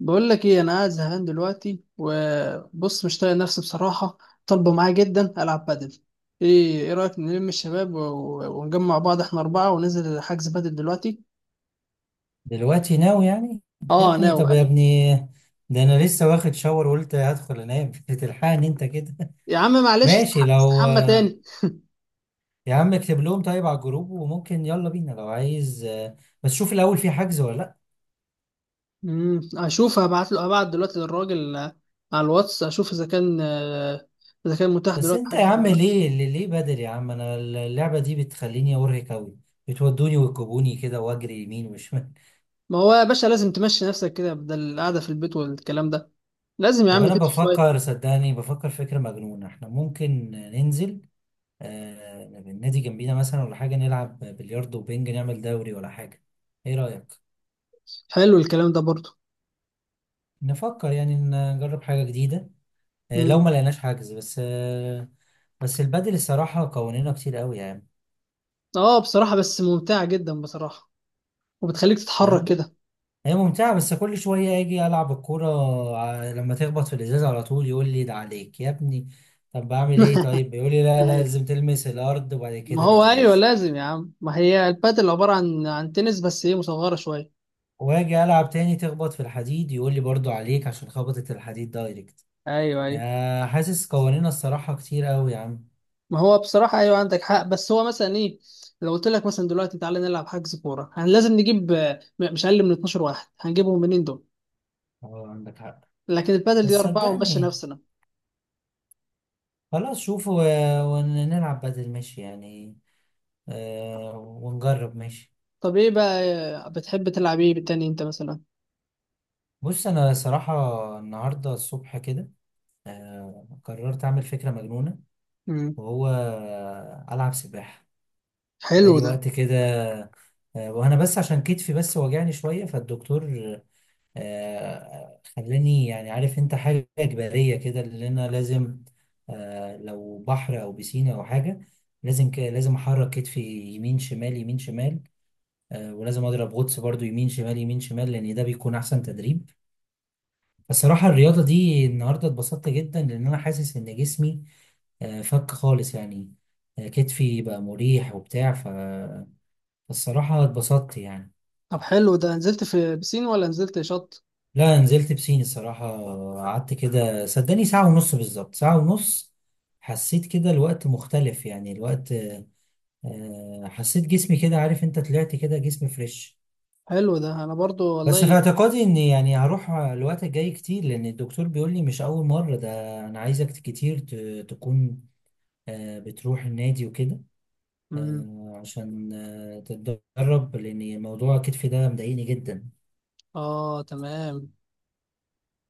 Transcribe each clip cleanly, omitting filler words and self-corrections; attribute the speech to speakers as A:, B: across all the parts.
A: بقول لك ايه، انا قاعد زهقان دلوقتي، وبص مش طايق نفسي بصراحه. طالبه معايا جدا العب بادل. ايه، ايه رايك نلم الشباب و- و- ونجمع بعض، احنا اربعه وننزل حجز بادل دلوقتي؟
B: دلوقتي ناوي يعني؟ يا
A: اه
B: ابني،
A: ناو،
B: طب يا
A: ايوه.
B: ابني. ده انا لسه واخد شاور وقلت هدخل انام بتلحقني انت كده؟
A: يا عم معلش،
B: ماشي لو.
A: استحمى تاني.
B: يا عم اكتب لهم طيب على الجروب وممكن يلا بينا لو عايز، بس شوف الاول في حجز ولا لا.
A: امم، اشوف، هبعت له دلوقتي للراجل، على الواتس اشوف اذا كان، اذا كان متاح
B: بس
A: دلوقتي
B: انت يا
A: حجز ولا
B: عم
A: لا.
B: ليه بدري يا عم؟ انا اللعبة دي بتخليني ارهق قوي، بتودوني وتجيبوني كده واجري يمين وشمال.
A: ما هو يا باشا لازم تمشي نفسك كده، بدل القعده في البيت والكلام ده. لازم يا
B: طب
A: عم
B: انا
A: تمشي شويه.
B: بفكر، صدقني بفكر فكرة مجنونة. احنا ممكن ننزل النادي جنبينا مثلا ولا حاجة، نلعب بلياردو وبنج، نعمل دوري ولا حاجة. ايه رأيك؟
A: حلو الكلام ده برضه.
B: نفكر يعني إن نجرب حاجة جديدة لو ما لقيناش حجز بس. بس البادل الصراحة قوانينها كتير قوي يعني.
A: اه بصراحة، بس ممتعة جدا بصراحة، وبتخليك تتحرك
B: فاهم.
A: كده.
B: هي ممتعة، بس كل شوية اجي العب الكورة، لما تخبط في الازاز على طول يقول لي ده عليك يا ابني. طب بعمل ايه طيب؟ يقول لي لا لا،
A: ايوه.
B: لازم تلمس الارض وبعد
A: ما
B: كده
A: هو ايوه،
B: الازاز.
A: لازم يا عم. ما هي البادل عبارة عن تنس، بس ايه مصغرة شوية.
B: واجي العب تاني تخبط في الحديد يقول لي برضو عليك عشان خبطت الحديد دايركت.
A: ايوه ايوه.
B: حاسس قوانين الصراحة كتير قوي يا عم.
A: ما هو بصراحة ايوه، عندك حق. بس هو مثلا ايه، لو قلت لك مثلا دلوقتي تعالى نلعب حجز كورة، هن لازم نجيب مش اقل من 12 واحد، هنجيبهم منين دول؟
B: اه عندك حق،
A: لكن البادل
B: بس
A: دي أربعة ونمشي
B: صدقني
A: نفسنا.
B: خلاص، شوف ونلعب بدل، ماشي يعني. ونجرب ماشي.
A: طب ايه بقى، بتحب تلعب ايه بالتاني انت مثلا؟
B: بص أنا صراحة النهاردة الصبح كده قررت أعمل فكرة مجنونة،
A: امم.
B: وهو ألعب سباحة.
A: حلو
B: بقالي
A: ده.
B: وقت كده. وأنا بس عشان كتفي بس واجعني شوية، فالدكتور خلاني يعني، عارف انت، حاجة إجبارية كده اللي أنا لازم لو بحر أو بسينة أو حاجة، لازم لازم أحرك كتفي يمين شمال يمين شمال. ولازم أضرب غطس برضو يمين شمال يمين شمال، لأن ده بيكون أحسن تدريب. فالصراحة الرياضة دي النهاردة اتبسطت جدا، لأن أنا حاسس إن جسمي فك خالص يعني. كتفي بقى مريح وبتاع فالصراحة اتبسطت يعني.
A: طب حلو ده، نزلت في بسين ولا نزلت شط؟
B: لا، نزلت بسين الصراحة. قعدت كده صدقني ساعة ونص، بالظبط ساعة ونص. حسيت كده الوقت مختلف، يعني الوقت حسيت جسمي كده، عارف انت، طلعت كده جسمي فريش.
A: حلو ده انا برضو
B: بس في
A: والله.
B: اعتقادي ان يعني هروح الوقت الجاي كتير، لان الدكتور بيقول لي مش اول مرة ده، انا عايزك كتير تكون بتروح النادي وكده
A: امم.
B: عشان تتدرب، لان موضوع كتفي ده مضايقني جدا.
A: اه تمام.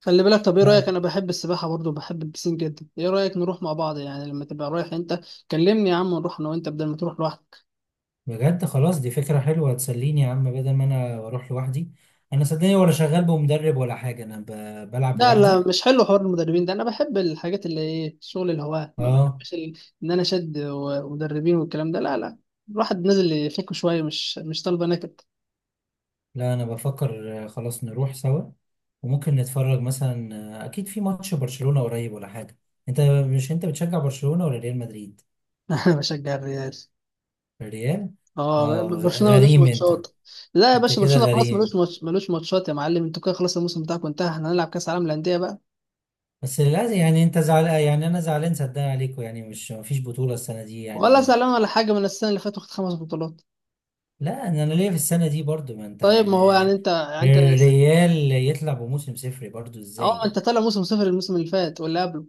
A: خلي بالك، طب ايه رايك، انا بحب السباحه برضو، بحب البسين جدا، ايه رايك نروح مع بعض يعني، لما تبقى رايح انت كلمني يا عم، ونروح انا وانت بدل ما تروح لوحدك.
B: بجد خلاص، دي فكرة حلوة، هتسليني يا عم بدل ما انا بروح لوحدي. انا صدقني ولا شغال بمدرب ولا حاجة، انا بلعب
A: لا
B: لوحدي.
A: لا، مش حلو حوار المدربين ده، انا بحب الحاجات اللي ايه، شغل الهواة، ما
B: اه.
A: بحبش ان انا شد ومدربين والكلام ده، لا لا. الواحد نازل يفك شويه، مش طالبه نكد.
B: لا، انا بفكر خلاص نروح سوا، وممكن نتفرج مثلا. اكيد في ماتش برشلونة قريب ولا حاجة. انت مش بتشجع برشلونة ولا ريال مدريد؟
A: انا بشجع الريال.
B: الريال.
A: اه،
B: اه
A: برشلونه ملوش
B: غريم انت.
A: ماتشات. لا يا
B: انت
A: باشا،
B: كده
A: برشلونه خلاص ملوش
B: غريم.
A: ماتش، ملوش ماتشات يا معلم، انتوا كده خلاص الموسم بتاعكم انتهى، احنا هنلعب كاس عالم للانديه بقى.
B: بس للأسف، يعني انت زعلان يعني انا زعلان، صدقني عليكم، يعني مش مفيش بطولة السنة دي
A: ولا
B: يعني.
A: زعلان ولا حاجه، من السنه اللي فاتت واخد خمس بطولات.
B: لا انا ليا في السنه دي برضو، ما انت
A: طيب ما هو
B: يعني.
A: يعني انت، يعني انت.
B: الريال يطلع بموسم صفري برضو
A: اه
B: ازاي
A: ما انت
B: يعني؟
A: طالع موسم صفر الموسم اللي فات واللي قبله.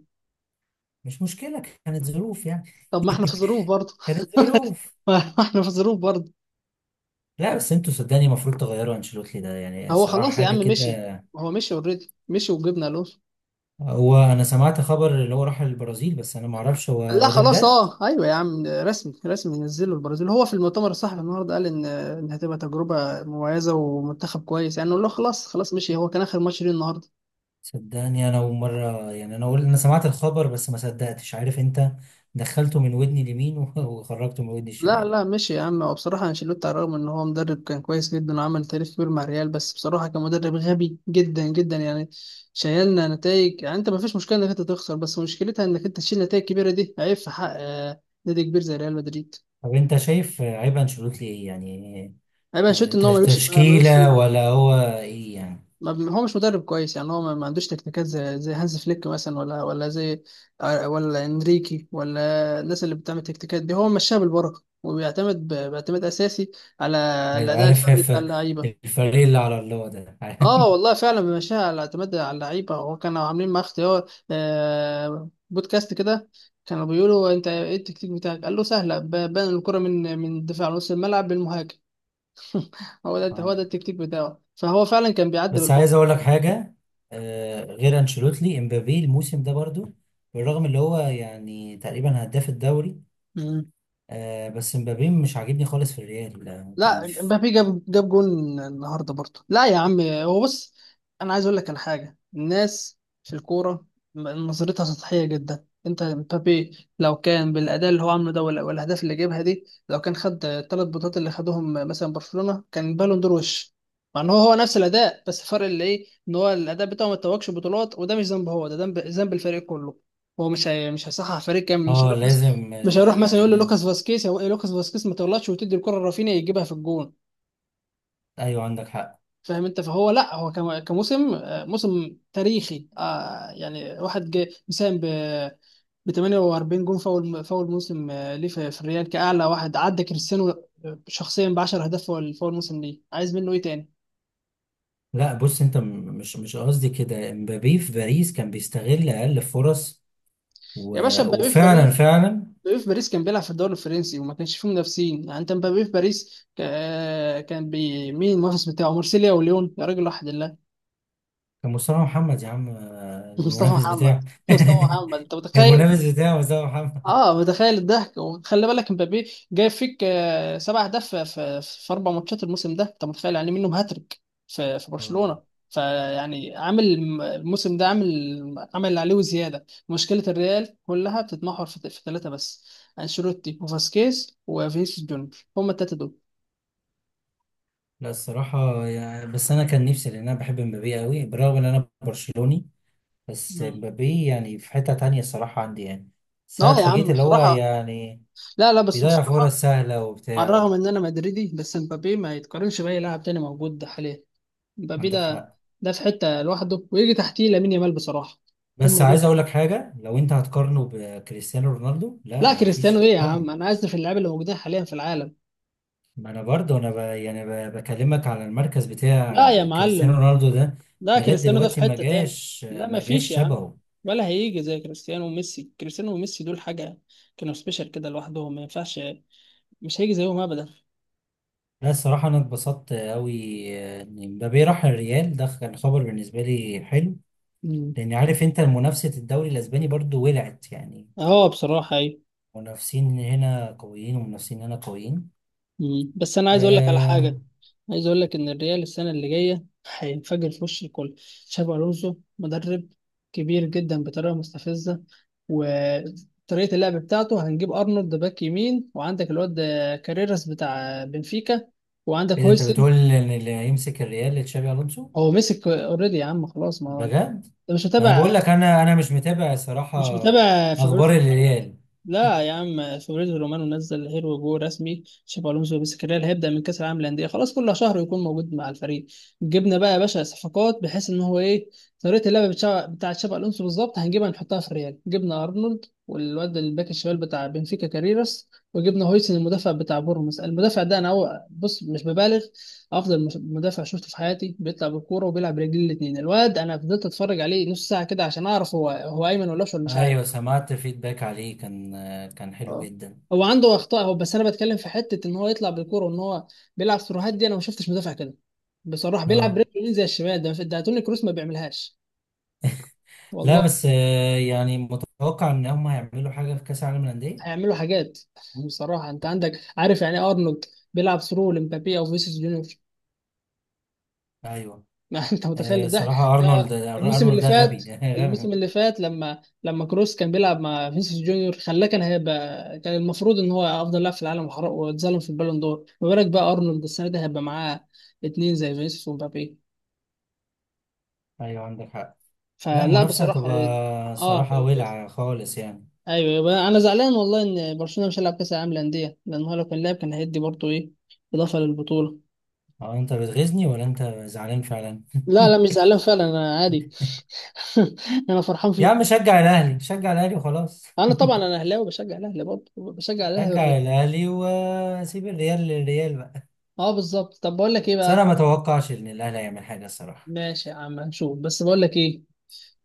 B: مش مشكله، كانت ظروف يعني.
A: طب ما احنا في ظروف برضه.
B: كانت ظروف.
A: ما احنا في ظروف برضه.
B: لا بس انتوا صدقني المفروض تغيروا انشيلوتي ده، يعني
A: هو
B: صراحه
A: خلاص يا
B: حاجه
A: عم مشي.
B: كده.
A: هو مشي اوريدي مشي، وجبنا الونسو.
B: هو انا سمعت خبر اللي هو راح البرازيل، بس انا ما اعرفش هو
A: لا
B: هو ده
A: خلاص،
B: بجد؟
A: اه ايوه يا عم، رسمي، رسمي نزله البرازيل، هو في المؤتمر الصحفي النهارده قال ان هتبقى تجربه مميزه ومنتخب كويس، يعني نقول له خلاص، خلاص مشي، هو كان اخر ماتش ليه النهارده.
B: صدقني انا اول مره يعني، انا اقول انا سمعت الخبر بس ما صدقتش، عارف انت. دخلته من ودني اليمين وخرجته من ودني
A: لا
B: الشمال.
A: لا ماشي يا عم، هو بصراحة أنشيلوتي، على الرغم إن هو مدرب كان كويس جدا وعمل تاريخ كبير مع ريال، بس بصراحة كان مدرب غبي جدا جدا يعني، شايلنا نتائج يعني. أنت ما فيش مشكلة إنك أنت تخسر، بس مشكلتها إنك أنت تشيل نتائج كبيرة، دي عيب في حق نادي كبير زي ريال مدريد.
B: طب انت شايف عيب انشيلوتي ايه يعني؟
A: عيب أنشيلوتي إن هو ملوش
B: تشكيلة
A: في،
B: ولا هو ايه يعني؟
A: ما بي- هو مش مدرب كويس يعني، هو ما عندوش تكتيكات زي هانز فليك مثلا، ولا ولا زي آه، ولا إنريكي، ولا الناس اللي بتعمل تكتيكات دي. هو مشاها بالبركة، وبيعتمد باعتماد أساسي على
B: ايوه
A: الأداء
B: عارف
A: الفردي بتاع اللعيبة.
B: الفريق اللي على الله ده.
A: اه والله فعلا مشاها، اعتمد على اللعيبه، وكانوا عاملين مع اختيار بودكاست كده، كانوا بيقولوا انت ايه التكتيك بتاعك، قال له سهله، بنقل الكره من الدفاع لنص الملعب للمهاجم، هو ده هو
B: آه.
A: ده التكتيك بتاعه، فهو فعلا كان بيعدي
B: بس عايز اقول لك حاجة. غير انشيلوتي، امبابي الموسم ده برضو بالرغم اللي هو يعني تقريبا هداف الدوري،
A: بالبعد.
B: بس امبابي مش عاجبني خالص في الريال، لا، كان
A: لا،
B: في.
A: مبابي جاب جون النهارده برضه، لا يا عم هو بص، انا عايز اقول لك على حاجه، الناس في الكوره نظرتها سطحيه جدا، انت مبابي لو كان بالاداء اللي هو عامله ده والاهداف اللي جابها دي، لو كان خد الثلاث بطولات اللي خدهم مثلا برشلونه كان بالون دور وش. مع ان هو نفس الاداء، بس الفرق اللي ايه ان هو الاداء بتاعه ما اتوجش بطولات، وده مش ذنبه، هو ده ذنب الفريق كله. هو مش هيصحح فريق كامل، مش
B: اه
A: هيروح بس،
B: لازم،
A: مش هيروح مثلا
B: يعني
A: يقول
B: لا.
A: للوكاس فاسكيز، هو إيه لوكاس فاسكيز، ما تغلطش وتدي الكره لرافينيا يجيبها في الجون.
B: ايوه عندك حق.
A: فاهم انت، فهو لا، هو كم- كموسم آه، موسم تاريخي، يعني واحد جه مساهم ب 48 جون، فاول فاول موسم ليه في الريال، كاعلى واحد عدى كريستيانو شخصيا، ب 10 اهداف فاول فاول موسم ليه، عايز منه ايه تاني؟
B: لا بص انت مش قصدي كده. امبابي في باريس كان بيستغل اقل فرص و...
A: يا باشا مبابي في
B: وفعلا
A: باريس،
B: فعلا
A: مبابي في باريس كان بيلعب في الدوري الفرنسي، وما كانش فيه منافسين يعني، انت مبابي في باريس مين المنافس بتاعه؟ مارسيليا وليون يا راجل، واحد.
B: كان مصطفى محمد يا عم
A: مصطفى
B: المنافس
A: محمد،
B: بتاعه.
A: مصطفى محمد انت متخيل؟
B: المنافس بتاعه مصطفى محمد.
A: اه متخيل الضحك، وخلي بالك مبابي جايب فيك سبع اهداف في اربع ماتشات الموسم ده، انت متخيل، يعني إيه منهم هاتريك في
B: آه.
A: برشلونه. فيعني عامل الموسم ده، عامل اللي عليه وزياده، مشكله الريال كلها بتتمحور في ثلاثه بس، انشيلوتي وفاسكيز وفينيسيوس جونيور، هم الثلاثه دول.
B: لا الصراحة يعني، بس أنا كان نفسي، لأن أنا بحب مبابي قوي بالرغم إن أنا برشلوني. بس
A: مم.
B: مبابي يعني في حتة تانية الصراحة عندي يعني. بس أنا
A: اه يا
B: اتفاجئت،
A: عم
B: اللي هو
A: بصراحه،
B: يعني
A: لا لا بس
B: بيضيع
A: بصراحه،
B: فرص سهلة
A: على
B: وبتاع.
A: الرغم ان انا مدريدي بس مبابي ما يتقارنش باي لاعب تاني موجود حاليا. مبابي
B: عندك
A: ده،
B: حق،
A: في حته لوحده، ويجي تحتيه لامين يامال بصراحه.
B: بس
A: هم
B: عايز
A: دول.
B: أقول لك حاجة، لو أنت هتقارنه بكريستيانو رونالدو، لا،
A: لا
B: ما
A: كريستيانو
B: فيش
A: ايه يا عم،
B: مقارنة.
A: انا اسف، اللعيبه اللي موجودين حاليا في العالم،
B: ما انا برضه انا يعني بكلمك على المركز
A: لا يا
B: بتاع كريستيانو
A: معلم،
B: رونالدو ده،
A: لا
B: لغايه
A: كريستيانو ده في
B: دلوقتي ما
A: حته تاني،
B: جاش
A: لا ما
B: ما جاش
A: فيش يا عم،
B: شبهه.
A: ولا هيجي زي كريستيانو وميسي، كريستيانو وميسي دول حاجه، كانوا سبيشال كده لوحدهم ما ينفعش، مش هيجي زيهم ابدا.
B: لا الصراحه انا اتبسطت قوي ان مبابي راح الريال، ده كان خبر بالنسبه لي حلو،
A: مم.
B: لان عارف انت منافسه الدوري الاسباني برضه ولعت يعني.
A: اه بصراحه ايوه.
B: منافسين هنا قويين ومنافسين هنا قويين.
A: مم. بس انا عايز اقول لك على
B: آه...
A: حاجه، عايز اقول لك ان الريال السنه اللي جايه هينفجر في وش الكل. تشابي الونسو مدرب كبير جدا بطريقه مستفزه، وطريقه اللعب بتاعته، هنجيب ارنولد باك يمين، وعندك الواد ده كاريراس بتاع بنفيكا، وعندك
B: اذا انت
A: هويسن.
B: بتقول ان اللي هيمسك الريال تشابي الونسو؟
A: هو مسك اوريدي يا عم خلاص، ما هو انت
B: بجد؟
A: مش
B: ما انا
A: متابع،
B: بقول لك انا مش متابع صراحه
A: مش متابع
B: اخبار
A: فابريزو رومانو.
B: الريال.
A: لا يا عم، فابريزو رومانو نزل هيرو جو رسمي تشابي الونسو، بس الريال هيبدا من كاس العالم للانديه خلاص، كل شهر يكون موجود مع الفريق. جبنا بقى يا باشا صفقات، بحيث ان هو ايه، طريقه اللعب بتاع تشابي الونسو بالظبط هنجيبها نحطها في الريال، جبنا ارنولد والواد الباك الشمال بتاع بنفيكا كاريراس، وجبنا هويسن المدافع بتاع بورموس. المدافع ده انا، هو بص، مش ببالغ، افضل مدافع شفته في حياتي، بيطلع بالكوره وبيلعب برجلين الاثنين، الواد انا فضلت اتفرج عليه نص ساعه كده عشان اعرف هو، هو ايمن ولا اشول مش عارف.
B: ايوه سمعت فيدباك عليه، كان حلو
A: اه،
B: جدا.
A: هو عنده اخطاء هو، بس انا بتكلم في حته ان هو يطلع بالكوره، وان هو بيلعب سيروهات دي، انا ما شفتش مدافع كده بصراحه، بيلعب
B: اه،
A: برجله اليمين زي الشمال، ده توني كروس ما بيعملهاش.
B: لا
A: والله
B: بس يعني متوقع ان هم هيعملوا حاجه في كاس العالم للانديه.
A: هيعملوا حاجات. بصراحه انت عندك، عارف يعني إيه ارنولد بيلعب ثرو لمبابي او فيسيس جونيور؟
B: ايوه.
A: ما انت متخيل الضحك.
B: صراحه
A: ده
B: ارنولد،
A: الموسم
B: ارنولد
A: اللي
B: ده غبي
A: فات،
B: غبي.
A: الموسم اللي فات لما كروس كان بيلعب مع فينيسيوس جونيور خلاه، كان هيبقى، كان المفروض ان هو افضل لاعب في العالم، واتظلم في البالون دور، ما بالك بقى ارنولد السنه دي هيبقى معاه اتنين زي فينيسيوس ومبابي،
B: ايوه عندك حق. لا
A: فلا
B: المنافسه
A: بصراحه.
B: هتبقى
A: اه
B: صراحه
A: هتبقى كويس.
B: ولعه خالص يعني.
A: ايوه، يبقى انا زعلان والله، ان برشلونه مش هيلعب كاس العالم للانديه، لان هو لو كان لعب كان هيدي برضه ايه، اضافه للبطوله.
B: هو انت بتغيظني ولا انت زعلان فعلا؟
A: لا لا مش زعلان فعلا، انا عادي. انا فرحان
B: يا
A: فيك.
B: عم شجع الاهلي، شجع الاهلي وخلاص.
A: انا طبعا انا اهلاوي، بشجع الاهلي برضه، بشجع الاهلي والريال.
B: شجع الاهلي وسيب الريال للريال بقى.
A: اه بالظبط، طب بقول لك ايه
B: بس
A: بقى،
B: انا ما اتوقعش ان الاهلي هيعمل حاجه الصراحه.
A: ماشي يا عم هنشوف، بس بقول لك ايه،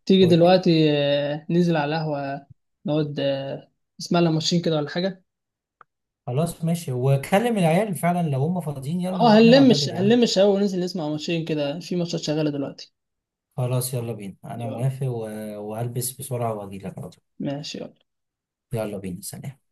A: تيجي
B: قول لي.
A: دلوقتي، ننزل على القهوة نقعد، نسمع لنا ماتشين كده ولا حاجة.
B: خلاص ماشي، وكلم العيال فعلا لو هم فاضيين، يلا
A: اه
B: نروح نلعب
A: هنلم
B: بدل يا عم.
A: هنلم الشباب وننزل نسمع ماتشين كده، في ماتشات شغالة دلوقتي.
B: خلاص يلا بينا، انا
A: يلا
B: موافق وهلبس بسرعة واجيلك على طول.
A: ماشي يلا.
B: يلا بينا، سلام.